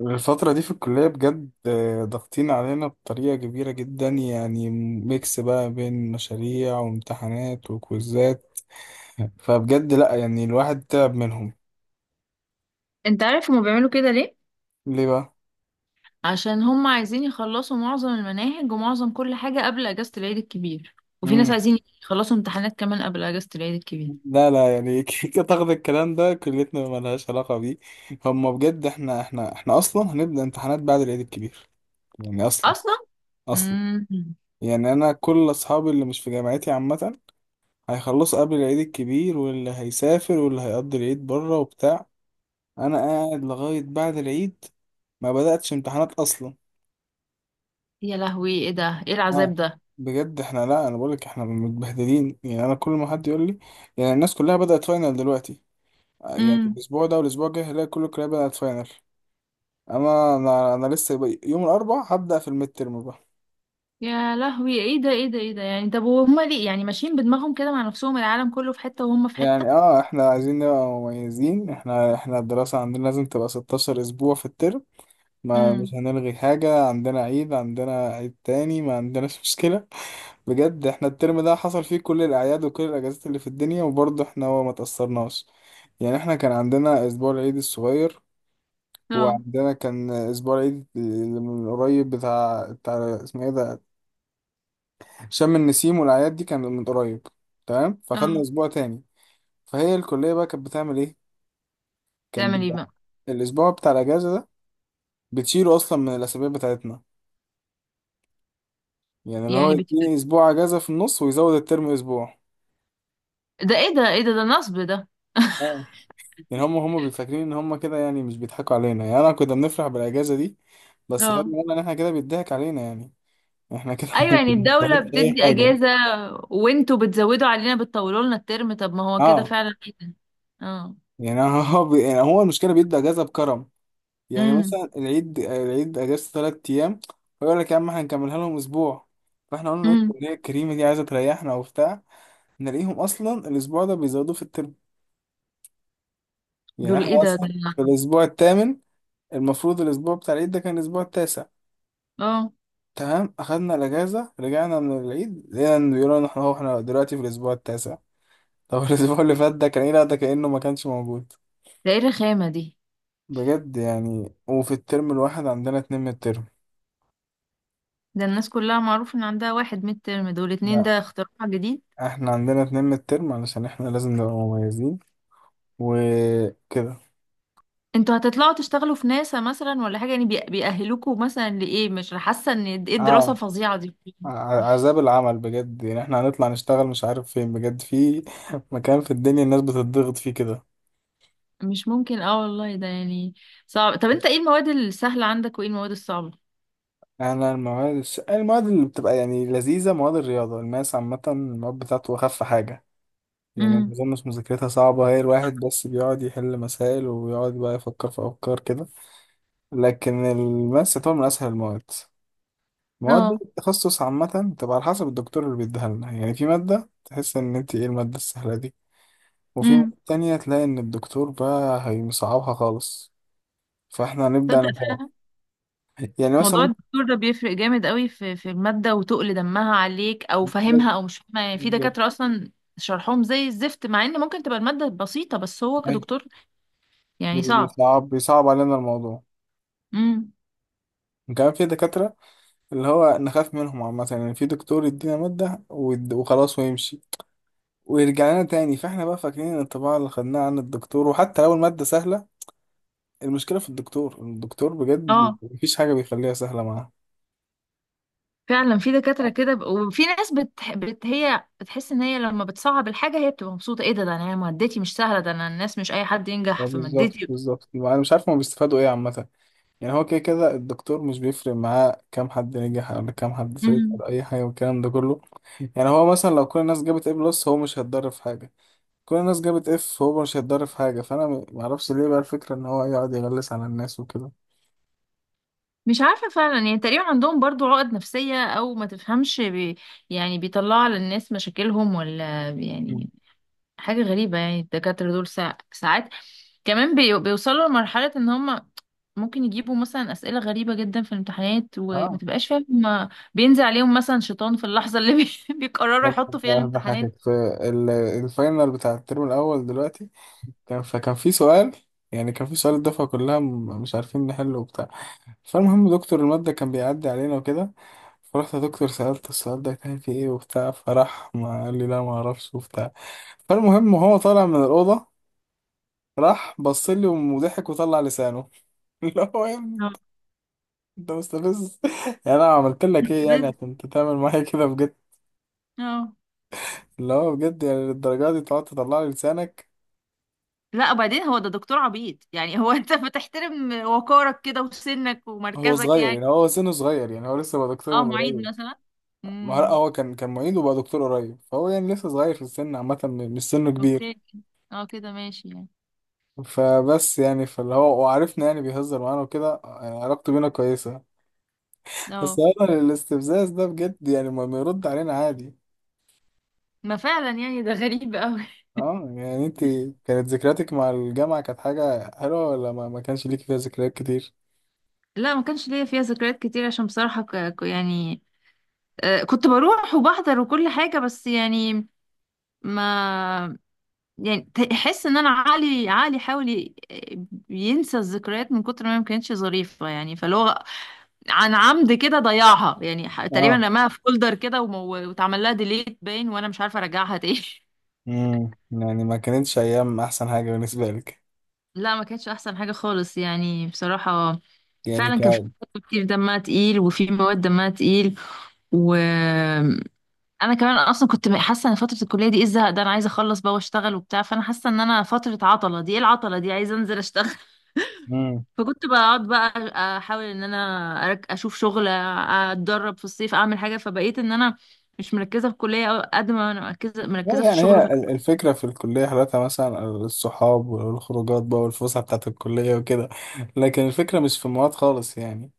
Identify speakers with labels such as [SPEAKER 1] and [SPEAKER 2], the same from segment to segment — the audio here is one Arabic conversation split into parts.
[SPEAKER 1] الفترة دي في الكلية بجد ضاغطين علينا بطريقة كبيرة جدا، يعني ميكس بقى بين مشاريع وامتحانات وكويزات. فبجد لأ، يعني الواحد تعب منهم.
[SPEAKER 2] انت عارف هما بيعملوا كده ليه؟
[SPEAKER 1] ليه بقى؟
[SPEAKER 2] عشان هما عايزين يخلصوا معظم المناهج ومعظم كل حاجة قبل اجازة العيد الكبير، وفي ناس
[SPEAKER 1] مم.
[SPEAKER 2] عايزين يخلصوا امتحانات كمان قبل اجازة العيد الكبير
[SPEAKER 1] لا، لا، يعني كيكة تاخد الكلام ده، كليتنا ملهاش علاقة بيه. هما بجد احنا أصلا هنبدأ امتحانات بعد العيد الكبير. يعني أصلا.
[SPEAKER 2] اصلا.
[SPEAKER 1] أصلا.
[SPEAKER 2] امم
[SPEAKER 1] يعني أنا كل أصحابي اللي مش في جامعتي عامة هيخلصوا قبل العيد الكبير، واللي هيسافر واللي هيقضي العيد بره وبتاع. انا قاعد لغايه بعد العيد، ما بداتش امتحانات اصلا.
[SPEAKER 2] يا لهوي، ايه ده؟ ايه العذاب
[SPEAKER 1] اه.
[SPEAKER 2] ده؟
[SPEAKER 1] بجد احنا لا، انا بقولك احنا متبهدلين، يعني انا كل ما حد يقول لي، يعني الناس كلها بدات فاينل دلوقتي. آه، يعني
[SPEAKER 2] امم
[SPEAKER 1] الاسبوع ده والاسبوع الجاي هلاقي كل الكليه بدات فاينل. اما انا يوم الاربعاء هبدا في الميد ترم بقى.
[SPEAKER 2] يا لهوي، ايه ده؟ ايه ده؟ ايه ده يعني؟ طب وهما ليه يعني ماشيين بدماغهم كده مع نفسهم؟ العالم كله في حتة وهم في
[SPEAKER 1] يعني
[SPEAKER 2] حتة.
[SPEAKER 1] احنا عايزين نبقى مميزين، احنا الدراسه عندنا لازم تبقى 16 اسبوع في الترم. ما مش
[SPEAKER 2] امم
[SPEAKER 1] هنلغي حاجه، عندنا عيد، عندنا عيد تاني، ما عندناش مشكله. بجد احنا الترم ده حصل فيه كل الأعياد وكل الأجازات اللي في الدنيا، وبرضه احنا هو ما تأثرناش. يعني احنا كان عندنا أسبوع العيد الصغير،
[SPEAKER 2] اه.
[SPEAKER 1] وعندنا كان أسبوع العيد اللي من قريب، بتاع اسمه ايه ده، شم النسيم، والأعياد دي كان من قريب. تمام فخدنا
[SPEAKER 2] اه،
[SPEAKER 1] أسبوع تاني. فهي الكلية بقى كانت بتعمل ايه؟ كان
[SPEAKER 2] تعمل ايه
[SPEAKER 1] بيبقى
[SPEAKER 2] بقى؟
[SPEAKER 1] الأسبوع بتاع الأجازة ده بتشيله أصلا من الأسابيع بتاعتنا، يعني اللي هو
[SPEAKER 2] يعني بت...
[SPEAKER 1] يديني أسبوع أجازة في النص ويزود الترم أسبوع.
[SPEAKER 2] ده ايه ده؟ ايه ده؟ ده نصب ده.
[SPEAKER 1] يعني هم بيفكرين ان هم كده، يعني مش بيضحكوا علينا، يعني انا كنا بنفرح بالاجازه دي. بس خدنا
[SPEAKER 2] اه،
[SPEAKER 1] بالنا ان احنا كده بيضحك علينا، يعني احنا كده ما
[SPEAKER 2] ايوه، يعني الدولة
[SPEAKER 1] بنستفادش اي
[SPEAKER 2] بتدي
[SPEAKER 1] حاجه.
[SPEAKER 2] اجازة وانتوا بتزودوا علينا، بتطولوا لنا الترم. طب ما هو كده
[SPEAKER 1] اه،
[SPEAKER 2] فعلا، ايه ده؟ اه.
[SPEAKER 1] يعني يعني هو المشكله بيدوا اجازه بكرم. يعني
[SPEAKER 2] امم
[SPEAKER 1] مثلا العيد اجازه 3 ايام. فيقول لك يا عم هنكملها لهم اسبوع. فاحنا قلنا ايه
[SPEAKER 2] امم
[SPEAKER 1] الكليه الكريمه دي عايزه تريحنا وبتاع، نلاقيهم اصلا الاسبوع ده بيزودوه في الترم. يعني
[SPEAKER 2] دول
[SPEAKER 1] احنا
[SPEAKER 2] ايه ده؟ دول
[SPEAKER 1] اصلا في الاسبوع الثامن، المفروض الاسبوع بتاع العيد ده كان الاسبوع التاسع.
[SPEAKER 2] اه،
[SPEAKER 1] تمام، اخدنا الاجازه رجعنا من العيد لقينا إن بيقولوا ان احنا هو احنا دلوقتي في الاسبوع التاسع. طب الاسبوع اللي فات ده كان ايه؟ لا ده كانه ما كانش موجود.
[SPEAKER 2] ده ايه الرخامة دي؟
[SPEAKER 1] بجد، يعني وفي الترم الواحد عندنا 2 من الترم.
[SPEAKER 2] ده الناس كلها معروف ان عندها واحد ميد ترم، دول اتنين،
[SPEAKER 1] لا،
[SPEAKER 2] ده اختراع جديد.
[SPEAKER 1] احنا عندنا 2 من الترم علشان احنا لازم نبقى مميزين وكده.
[SPEAKER 2] انتوا هتطلعوا تشتغلوا في ناسا مثلا ولا حاجة يعني؟ بيأهلوكوا مثلا لإيه؟ مش حاسة ان ايه الدراسة
[SPEAKER 1] اه،
[SPEAKER 2] الفظيعة دي.
[SPEAKER 1] عذاب العمل بجد، يعني احنا هنطلع نشتغل مش عارف فين، بجد في مكان في الدنيا الناس بتضغط فيه كده.
[SPEAKER 2] مش ممكن، اه والله، ده يعني صعب. طب انت ايه المواد السهلة عندك، وايه المواد الصعبة؟
[SPEAKER 1] انا المواد المواد اللي بتبقى يعني لذيذه، مواد الرياضه، الماس عامه المواد بتاعته اخف حاجه. يعني ما
[SPEAKER 2] امم
[SPEAKER 1] اظنش مذاكرتها صعبة، هي الواحد بس بيقعد يحل مسائل ويقعد بقى يفكر في أفكار كده. لكن الماس يعتبر من أسهل المواد. المواد دي
[SPEAKER 2] اه.
[SPEAKER 1] التخصص عامة تبقى على حسب الدكتور اللي بيديها لنا، يعني في مادة تحس إن أنت إيه المادة السهلة دي، وفي
[SPEAKER 2] امم
[SPEAKER 1] مادة تانية تلاقي إن الدكتور بقى هيصعبها خالص. فإحنا هنبدأ نفهم.
[SPEAKER 2] تصدق
[SPEAKER 1] يعني مثلا
[SPEAKER 2] موضوع
[SPEAKER 1] ممكن.
[SPEAKER 2] الدكتور ده بيفرق جامد قوي في المادة، وتقل دمها عليك او
[SPEAKER 1] بالظبط،
[SPEAKER 2] فاهمها او مش فاهمها. يعني في
[SPEAKER 1] بالظبط.
[SPEAKER 2] دكاترة اصلا شرحهم زي الزفت، مع ان ممكن تبقى المادة بسيطة، بس هو
[SPEAKER 1] أيوة.
[SPEAKER 2] كدكتور يعني صعب.
[SPEAKER 1] بيصعب علينا الموضوع.
[SPEAKER 2] امم
[SPEAKER 1] كمان في دكاترة اللي هو نخاف منهم عامة، يعني في دكتور يدينا مادة وخلاص ويمشي ويرجع لنا تاني، فاحنا بقى فاكرين ان الطباعة اللي خدناها عن الدكتور، وحتى لو المادة سهلة المشكلة في الدكتور. الدكتور بجد
[SPEAKER 2] اه
[SPEAKER 1] مفيش حاجة بيخليها سهلة معاه.
[SPEAKER 2] فعلا، في دكاترة كده وفي ناس هي بتحس ان هي لما بتصعب الحاجة هي بتبقى مبسوطة. ايه ده؟ ده انا مادتي مش سهلة، ده انا الناس مش اي حد
[SPEAKER 1] اه،
[SPEAKER 2] ينجح في
[SPEAKER 1] بالظبط،
[SPEAKER 2] مادتي.
[SPEAKER 1] بالظبط، انا مش عارف هما بيستفادوا ايه عامة. يعني هو كده كده الدكتور مش بيفرق معاه كام حد نجح ولا كام حد
[SPEAKER 2] امم
[SPEAKER 1] سيطر اي حاجة، والكلام ده كله. يعني هو مثلا لو كل الناس جابت A بلس هو مش هيتضرر في حاجة، كل الناس جابت F هو مش هيتضرر في حاجة. فانا معرفش ليه بقى الفكرة ان هو يقعد يغلس على الناس وكده.
[SPEAKER 2] مش عارفة فعلا، يعني تقريبا عندهم برضو عقد نفسية او ما تفهمش يعني بيطلعوا على الناس مشاكلهم، ولا
[SPEAKER 1] مم.
[SPEAKER 2] يعني حاجة غريبة. يعني الدكاترة دول ساعات كمان بيوصلوا لمرحلة ان هم ممكن يجيبوا مثلا أسئلة غريبة جدا في الامتحانات، وما
[SPEAKER 1] اه،
[SPEAKER 2] تبقاش فاهم هما بينزل عليهم مثلا شيطان في اللحظة اللي بيقرروا يحطوا فيها الامتحانات.
[SPEAKER 1] بحكك في الفاينل بتاع الترم الأول دلوقتي. كان فكان في سؤال يعني كان في سؤال الدفعة كلها مش عارفين نحله وبتاع. فالمهم دكتور المادة كان بيعدي علينا وكده، فرحت يا دكتور سألت السؤال ده كان فيه ايه وبتاع، فراح ما قال لي لا ما اعرفش وبتاع. فالمهم هو طالع من الأوضة راح بص لي وضحك وطلع لسانه اللي هو يا ابني انت،
[SPEAKER 2] آه.
[SPEAKER 1] أنت مستفز يعني انا عملت لك ايه يعني
[SPEAKER 2] بس
[SPEAKER 1] عشان انت تعمل معايا كده بجد؟
[SPEAKER 2] اه.
[SPEAKER 1] اللي هو بجد يعني للدرجة دي تقعد تطلع لي لسانك؟
[SPEAKER 2] لا، وبعدين هو ده دكتور عبيط يعني؟ هو انت بتحترم وقارك كده وسنك
[SPEAKER 1] هو
[SPEAKER 2] ومركزك
[SPEAKER 1] صغير،
[SPEAKER 2] يعني.
[SPEAKER 1] يعني هو سنه صغير، يعني هو لسه بقى دكتور
[SPEAKER 2] اه،
[SPEAKER 1] من
[SPEAKER 2] معيد
[SPEAKER 1] قريب.
[SPEAKER 2] مثلا.
[SPEAKER 1] ما هو لأ،
[SPEAKER 2] امم.
[SPEAKER 1] هو كان معيد وبقى دكتور قريب، فهو يعني لسه صغير في السن عامة، مش سنه كبير.
[SPEAKER 2] اوكي، اه كده ماشي يعني.
[SPEAKER 1] فبس يعني فاللي هو وعرفنا يعني بيهزر معانا وكده، يعني علاقته بينا كويسة. بس
[SPEAKER 2] اه،
[SPEAKER 1] هو الاستفزاز ده بجد، يعني ما يرد علينا عادي.
[SPEAKER 2] ما فعلا يعني ده غريب قوي.
[SPEAKER 1] اه، يعني انت، كانت ذكرياتك مع الجامعة كانت حاجة حلوة، ولا ما كانش ليك فيها ذكريات كتير؟
[SPEAKER 2] لا ما كانش ليا فيها ذكريات كتير، عشان بصراحة يعني آه، كنت بروح وبحضر وكل حاجة، بس يعني ما يعني تحس ان انا عقلي حاول ينسى الذكريات من كتر ما ما كانتش ظريفة يعني. فاللي هو عن عمد كده ضيعها يعني، تقريبا
[SPEAKER 1] اه.
[SPEAKER 2] رماها في فولدر كده واتعمل لها ديليت باين، وانا مش عارفة ارجعها تاني.
[SPEAKER 1] يعني ما كانتش ايام احسن حاجة بالنسبة لك.
[SPEAKER 2] لا ما كانتش احسن حاجة خالص يعني بصراحة.
[SPEAKER 1] يعني
[SPEAKER 2] فعلا كان في مواد كتير دمها تقيل، وفي مواد دمها تقيل، و انا كمان اصلا كنت حاسه ان فتره الكليه دي ايه الزهق ده؟ انا عايزه اخلص بقى واشتغل وبتاع. فانا حاسه ان انا فتره عطله دي ايه العطله دي؟ عايزه انزل اشتغل فكنت بقعد بقى احاول ان انا اشوف شغل، اتدرب في الصيف، اعمل حاجه. فبقيت ان انا مش مركزه في الكليه، أو قد ما انا مركزه،
[SPEAKER 1] لا،
[SPEAKER 2] مركزه في
[SPEAKER 1] يعني
[SPEAKER 2] الشغل
[SPEAKER 1] هي الفكرة في الكلية حالتها مثلا الصحاب والخروجات بقى والفسحة بتاعت الكلية وكده، لكن الفكرة مش في المواد خالص يعني.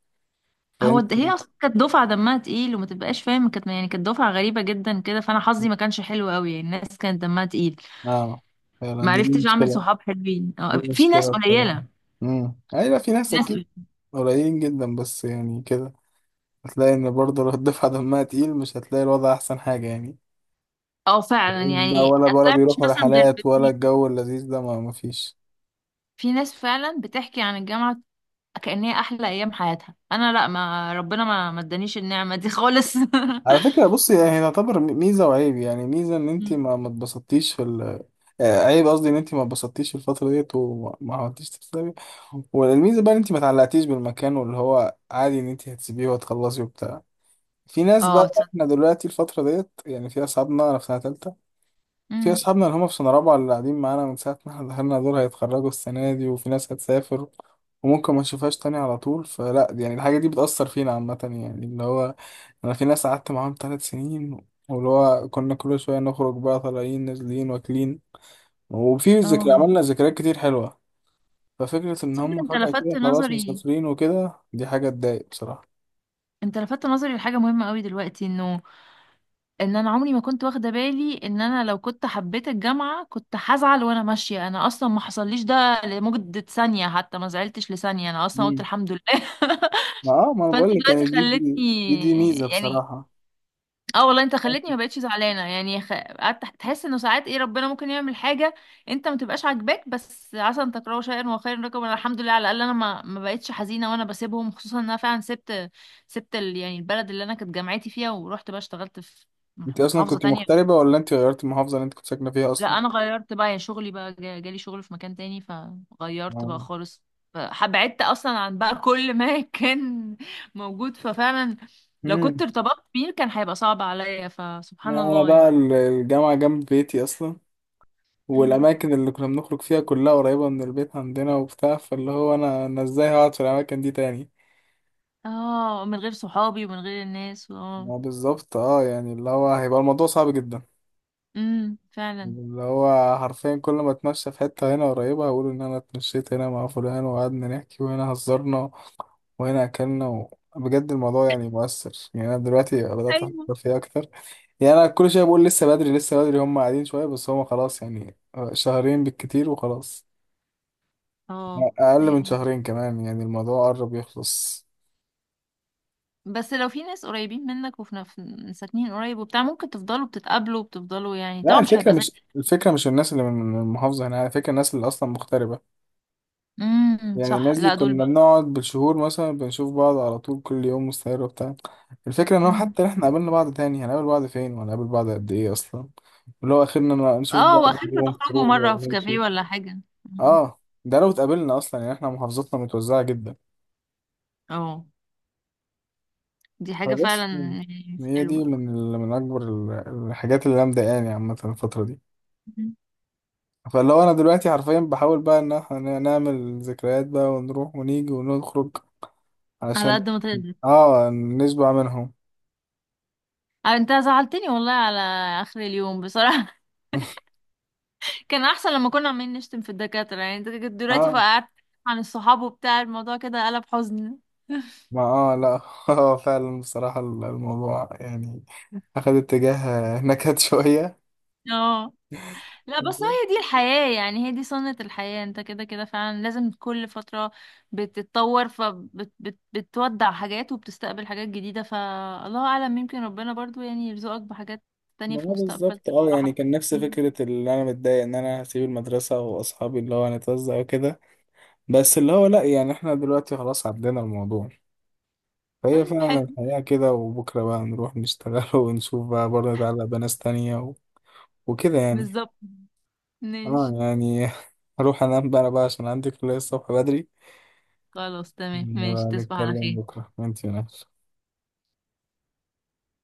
[SPEAKER 1] فأنت،
[SPEAKER 2] هي اصلا كانت دفعه دمها تقيل، وما تبقاش فاهم كانت يعني كانت دفعه غريبه جدا كده. فانا حظي ما كانش حلو قوي يعني، الناس كانت دمها تقيل.
[SPEAKER 1] اه، فعلا،
[SPEAKER 2] ما
[SPEAKER 1] دي
[SPEAKER 2] عرفتش اعمل
[SPEAKER 1] مشكلة.
[SPEAKER 2] صحاب حلوين.
[SPEAKER 1] دي
[SPEAKER 2] آه، في
[SPEAKER 1] مشكلة
[SPEAKER 2] ناس
[SPEAKER 1] بصراحة.
[SPEAKER 2] قليله.
[SPEAKER 1] أيوة في ناس
[SPEAKER 2] ناس
[SPEAKER 1] أكيد، قليلين جدا بس، يعني كده هتلاقي إن برضه لو الدفعة دمها تقيل مش هتلاقي الوضع أحسن حاجة يعني.
[SPEAKER 2] اه، فعلا
[SPEAKER 1] تلاقيهم بقى
[SPEAKER 2] يعني
[SPEAKER 1] ولا
[SPEAKER 2] مش
[SPEAKER 1] بيروحوا
[SPEAKER 2] مثلا غير
[SPEAKER 1] رحلات، ولا
[SPEAKER 2] باتنين.
[SPEAKER 1] الجو اللذيذ ده ما فيش.
[SPEAKER 2] في ناس فعلا بتحكي عن الجامعة كأنها أحلى أيام حياتها، أنا لأ، ما ربنا ما ادانيش النعمة دي خالص
[SPEAKER 1] على فكرة بصي، هي تعتبر ميزة وعيب، يعني ميزة إن أنت
[SPEAKER 2] مم.
[SPEAKER 1] ما اتبسطتيش في ال آه، عيب قصدي إن أنت ما اتبسطتيش في الفترة ديت، وما ما عملتيش تسلمي. والميزة بقى إن أنت ما تعلقتيش بالمكان، واللي هو عادي إن أنت هتسيبيه وهتخلصي وبتاع. في ناس بقى
[SPEAKER 2] اه تصدق.
[SPEAKER 1] إحنا دلوقتي الفترة ديت، يعني في أصحابنا، أنا في سنة تالتة، في
[SPEAKER 2] مم.
[SPEAKER 1] أصحابنا اللي هم في سنة رابعة اللي قاعدين معانا من ساعة ما إحنا دخلنا دول هيتخرجوا السنة دي، وفي ناس هتسافر وممكن ما نشوفهاش تاني على طول. فلا، يعني الحاجة دي بتأثر فينا عامة، يعني اللي هو انا في ناس قعدت معاهم 3 سنين، واللي هو كنا كل شويه نخرج بقى، طالعين نازلين واكلين وفي ذكرى
[SPEAKER 2] اه
[SPEAKER 1] عملنا ذكريات كتير حلوه. ففكره ان
[SPEAKER 2] تصدق،
[SPEAKER 1] هم
[SPEAKER 2] انت
[SPEAKER 1] فجاه
[SPEAKER 2] لفتت
[SPEAKER 1] كده خلاص
[SPEAKER 2] نظري.
[SPEAKER 1] مسافرين وكده، دي حاجه تضايق بصراحه.
[SPEAKER 2] انت لفتت نظري لحاجة مهمة قوي دلوقتي، انه ان انا عمري ما كنت واخدة بالي ان انا لو كنت حبيت الجامعة كنت هزعل وانا ماشية. انا اصلا ما حصلليش ده لمدة ثانية، حتى ما زعلتش لثانية، انا اصلا قلت
[SPEAKER 1] امم
[SPEAKER 2] الحمد لله
[SPEAKER 1] ما انا
[SPEAKER 2] فانت
[SPEAKER 1] بقول لك،
[SPEAKER 2] دلوقتي
[SPEAKER 1] يعني دي دي دي,
[SPEAKER 2] خلتني
[SPEAKER 1] دي ميزه
[SPEAKER 2] يعني
[SPEAKER 1] بصراحه.
[SPEAKER 2] اه، والله انت خلتني ما بقتش زعلانه يعني. قعدت تحس انه ساعات ايه ربنا ممكن يعمل حاجه انت ما تبقاش عاجباك، بس عسى ان تكرهوا شيئا وخيرا لكم. انا الحمد لله، على الاقل انا ما بقتش حزينه وانا بسيبهم، خصوصا ان انا فعلا سبت، يعني البلد اللي انا كانت جامعتي فيها، ورحت بقى اشتغلت في
[SPEAKER 1] انت
[SPEAKER 2] في
[SPEAKER 1] اصلا
[SPEAKER 2] محافظه
[SPEAKER 1] كنت
[SPEAKER 2] تانية.
[SPEAKER 1] مغتربه، ولا انت غيرت المحافظه اللي انت كنت ساكنه فيها
[SPEAKER 2] لا
[SPEAKER 1] اصلا؟
[SPEAKER 2] انا غيرت بقى، يا شغلي بقى جالي شغل في مكان تاني فغيرت بقى
[SPEAKER 1] اه.
[SPEAKER 2] خالص. فبعدت اصلا عن بقى كل ما كان موجود. ففعلا لو كنت
[SPEAKER 1] امم
[SPEAKER 2] ارتبطت بيه كان هيبقى صعب عليا، فسبحان
[SPEAKER 1] لا، انا
[SPEAKER 2] الله
[SPEAKER 1] بقى
[SPEAKER 2] يعني.
[SPEAKER 1] الجامعه جنب بيتي اصلا،
[SPEAKER 2] امم،
[SPEAKER 1] والأماكن اللي كنا بنخرج فيها كلها قريبة من البيت عندنا وبتاع، فاللي هو أنا إزاي هقعد في الأماكن دي تاني.
[SPEAKER 2] اه، من غير صحابي ومن غير الناس، اه.
[SPEAKER 1] ما بالظبط، اه، يعني اللي هو هيبقى الموضوع صعب جدا.
[SPEAKER 2] فعلا.
[SPEAKER 1] اللي هو حرفيا كل ما اتمشى في حتة هنا قريبة هقول إن أنا اتمشيت هنا مع فلان وقعدنا نحكي، وهنا هزرنا وهنا أكلنا بجد الموضوع يعني مؤثر، يعني أنا دلوقتي بدأت
[SPEAKER 2] ايوه.
[SPEAKER 1] أفكر فيه أكتر. يعني أنا كل شوية بقول لسه بدري، لسه بدري، هم قاعدين شوية بس هم خلاص يعني. شهرين بالكتير وخلاص،
[SPEAKER 2] اه
[SPEAKER 1] اقل من
[SPEAKER 2] يعني.
[SPEAKER 1] شهرين كمان، يعني الموضوع قرب يخلص.
[SPEAKER 2] بس لو في ناس قريبين منك وفي ساكنين قريب وبتاع، ممكن تفضلوا بتتقابلوا وبتفضلوا يعني،
[SPEAKER 1] لا،
[SPEAKER 2] طبعا مش
[SPEAKER 1] الفكره
[SPEAKER 2] هيبقى زي.
[SPEAKER 1] مش الفكره مش الناس اللي من المحافظه هنا، الفكره الناس اللي اصلا مغتربه. يعني
[SPEAKER 2] صح،
[SPEAKER 1] الناس دي
[SPEAKER 2] لا دول
[SPEAKER 1] كنا بنقعد بالشهور مثلا بنشوف بعض على طول كل يوم مستمر وبتاع، الفكره ان هو
[SPEAKER 2] بقى
[SPEAKER 1] حتى احنا قابلنا بعض تاني هنقابل بعض فين وهنقابل بعض قد ايه اصلا، اللي هو اخرنا نشوف
[SPEAKER 2] اه.
[SPEAKER 1] بعض
[SPEAKER 2] واخركم
[SPEAKER 1] يوم
[SPEAKER 2] تخرجوا
[SPEAKER 1] خروج
[SPEAKER 2] مرة في
[SPEAKER 1] ولا
[SPEAKER 2] كافيه
[SPEAKER 1] نمشي.
[SPEAKER 2] ولا حاجة. مم،
[SPEAKER 1] اه ده لو اتقابلنا اصلا، يعني احنا محافظتنا متوزعه جدا.
[SPEAKER 2] اه. دي حاجة فعلا
[SPEAKER 1] فبس،
[SPEAKER 2] يعني مش
[SPEAKER 1] هي دي
[SPEAKER 2] حلوة.
[SPEAKER 1] من من اكبر الحاجات اللي انا مضايقاني عامه الفتره دي.
[SPEAKER 2] مم.
[SPEAKER 1] فاللي هو انا دلوقتي حرفيا بحاول بقى ان احنا نعمل ذكريات بقى ونروح ونيجي ونخرج
[SPEAKER 2] على
[SPEAKER 1] علشان
[SPEAKER 2] قد ما تقدر.
[SPEAKER 1] اه نشبع منهم.
[SPEAKER 2] آه، انت زعلتني والله على اخر اليوم بصراحة. كان احسن لما كنا عمالين نشتم في الدكاترة يعني، انت كنت دلوقتي
[SPEAKER 1] اه،
[SPEAKER 2] فقعدت عن الصحاب وبتاع، الموضوع كده قلب حزن
[SPEAKER 1] ما اه لا، اه فعلا بصراحة الموضوع يعني اخد اتجاه نكد شوية.
[SPEAKER 2] اه لا، بس هي دي الحياة يعني، هي دي سنة الحياة. انت كده كده فعلا لازم كل فترة بتتطور، فبتودع حاجات وبتستقبل حاجات جديدة. فالله أعلم، يمكن ربنا برضو يعني يرزقك بحاجات تانية
[SPEAKER 1] ما
[SPEAKER 2] في
[SPEAKER 1] هو
[SPEAKER 2] المستقبل
[SPEAKER 1] بالظبط، اه، يعني
[SPEAKER 2] تفرحك.
[SPEAKER 1] كان نفس
[SPEAKER 2] مم.
[SPEAKER 1] فكرة اللي انا متضايق ان انا هسيب المدرسة واصحابي اللي هو هنتوزع وكده، بس اللي هو لا، يعني احنا دلوقتي خلاص عدينا الموضوع. فهي
[SPEAKER 2] طيب
[SPEAKER 1] فعلا
[SPEAKER 2] حلو.
[SPEAKER 1] الحياة كده، وبكرة بقى نروح نشتغل ونشوف بقى برضه نتعلق بناس تانية وكده يعني.
[SPEAKER 2] بالظبط.
[SPEAKER 1] اه،
[SPEAKER 2] ماشي.
[SPEAKER 1] يعني هروح انام بقى عشان عندي كلية الصبح بدري.
[SPEAKER 2] خلاص تمام، ماشي،
[SPEAKER 1] نبقى
[SPEAKER 2] تصبح على
[SPEAKER 1] نتكلم
[SPEAKER 2] خير.
[SPEAKER 1] بكرة وانتي نايم.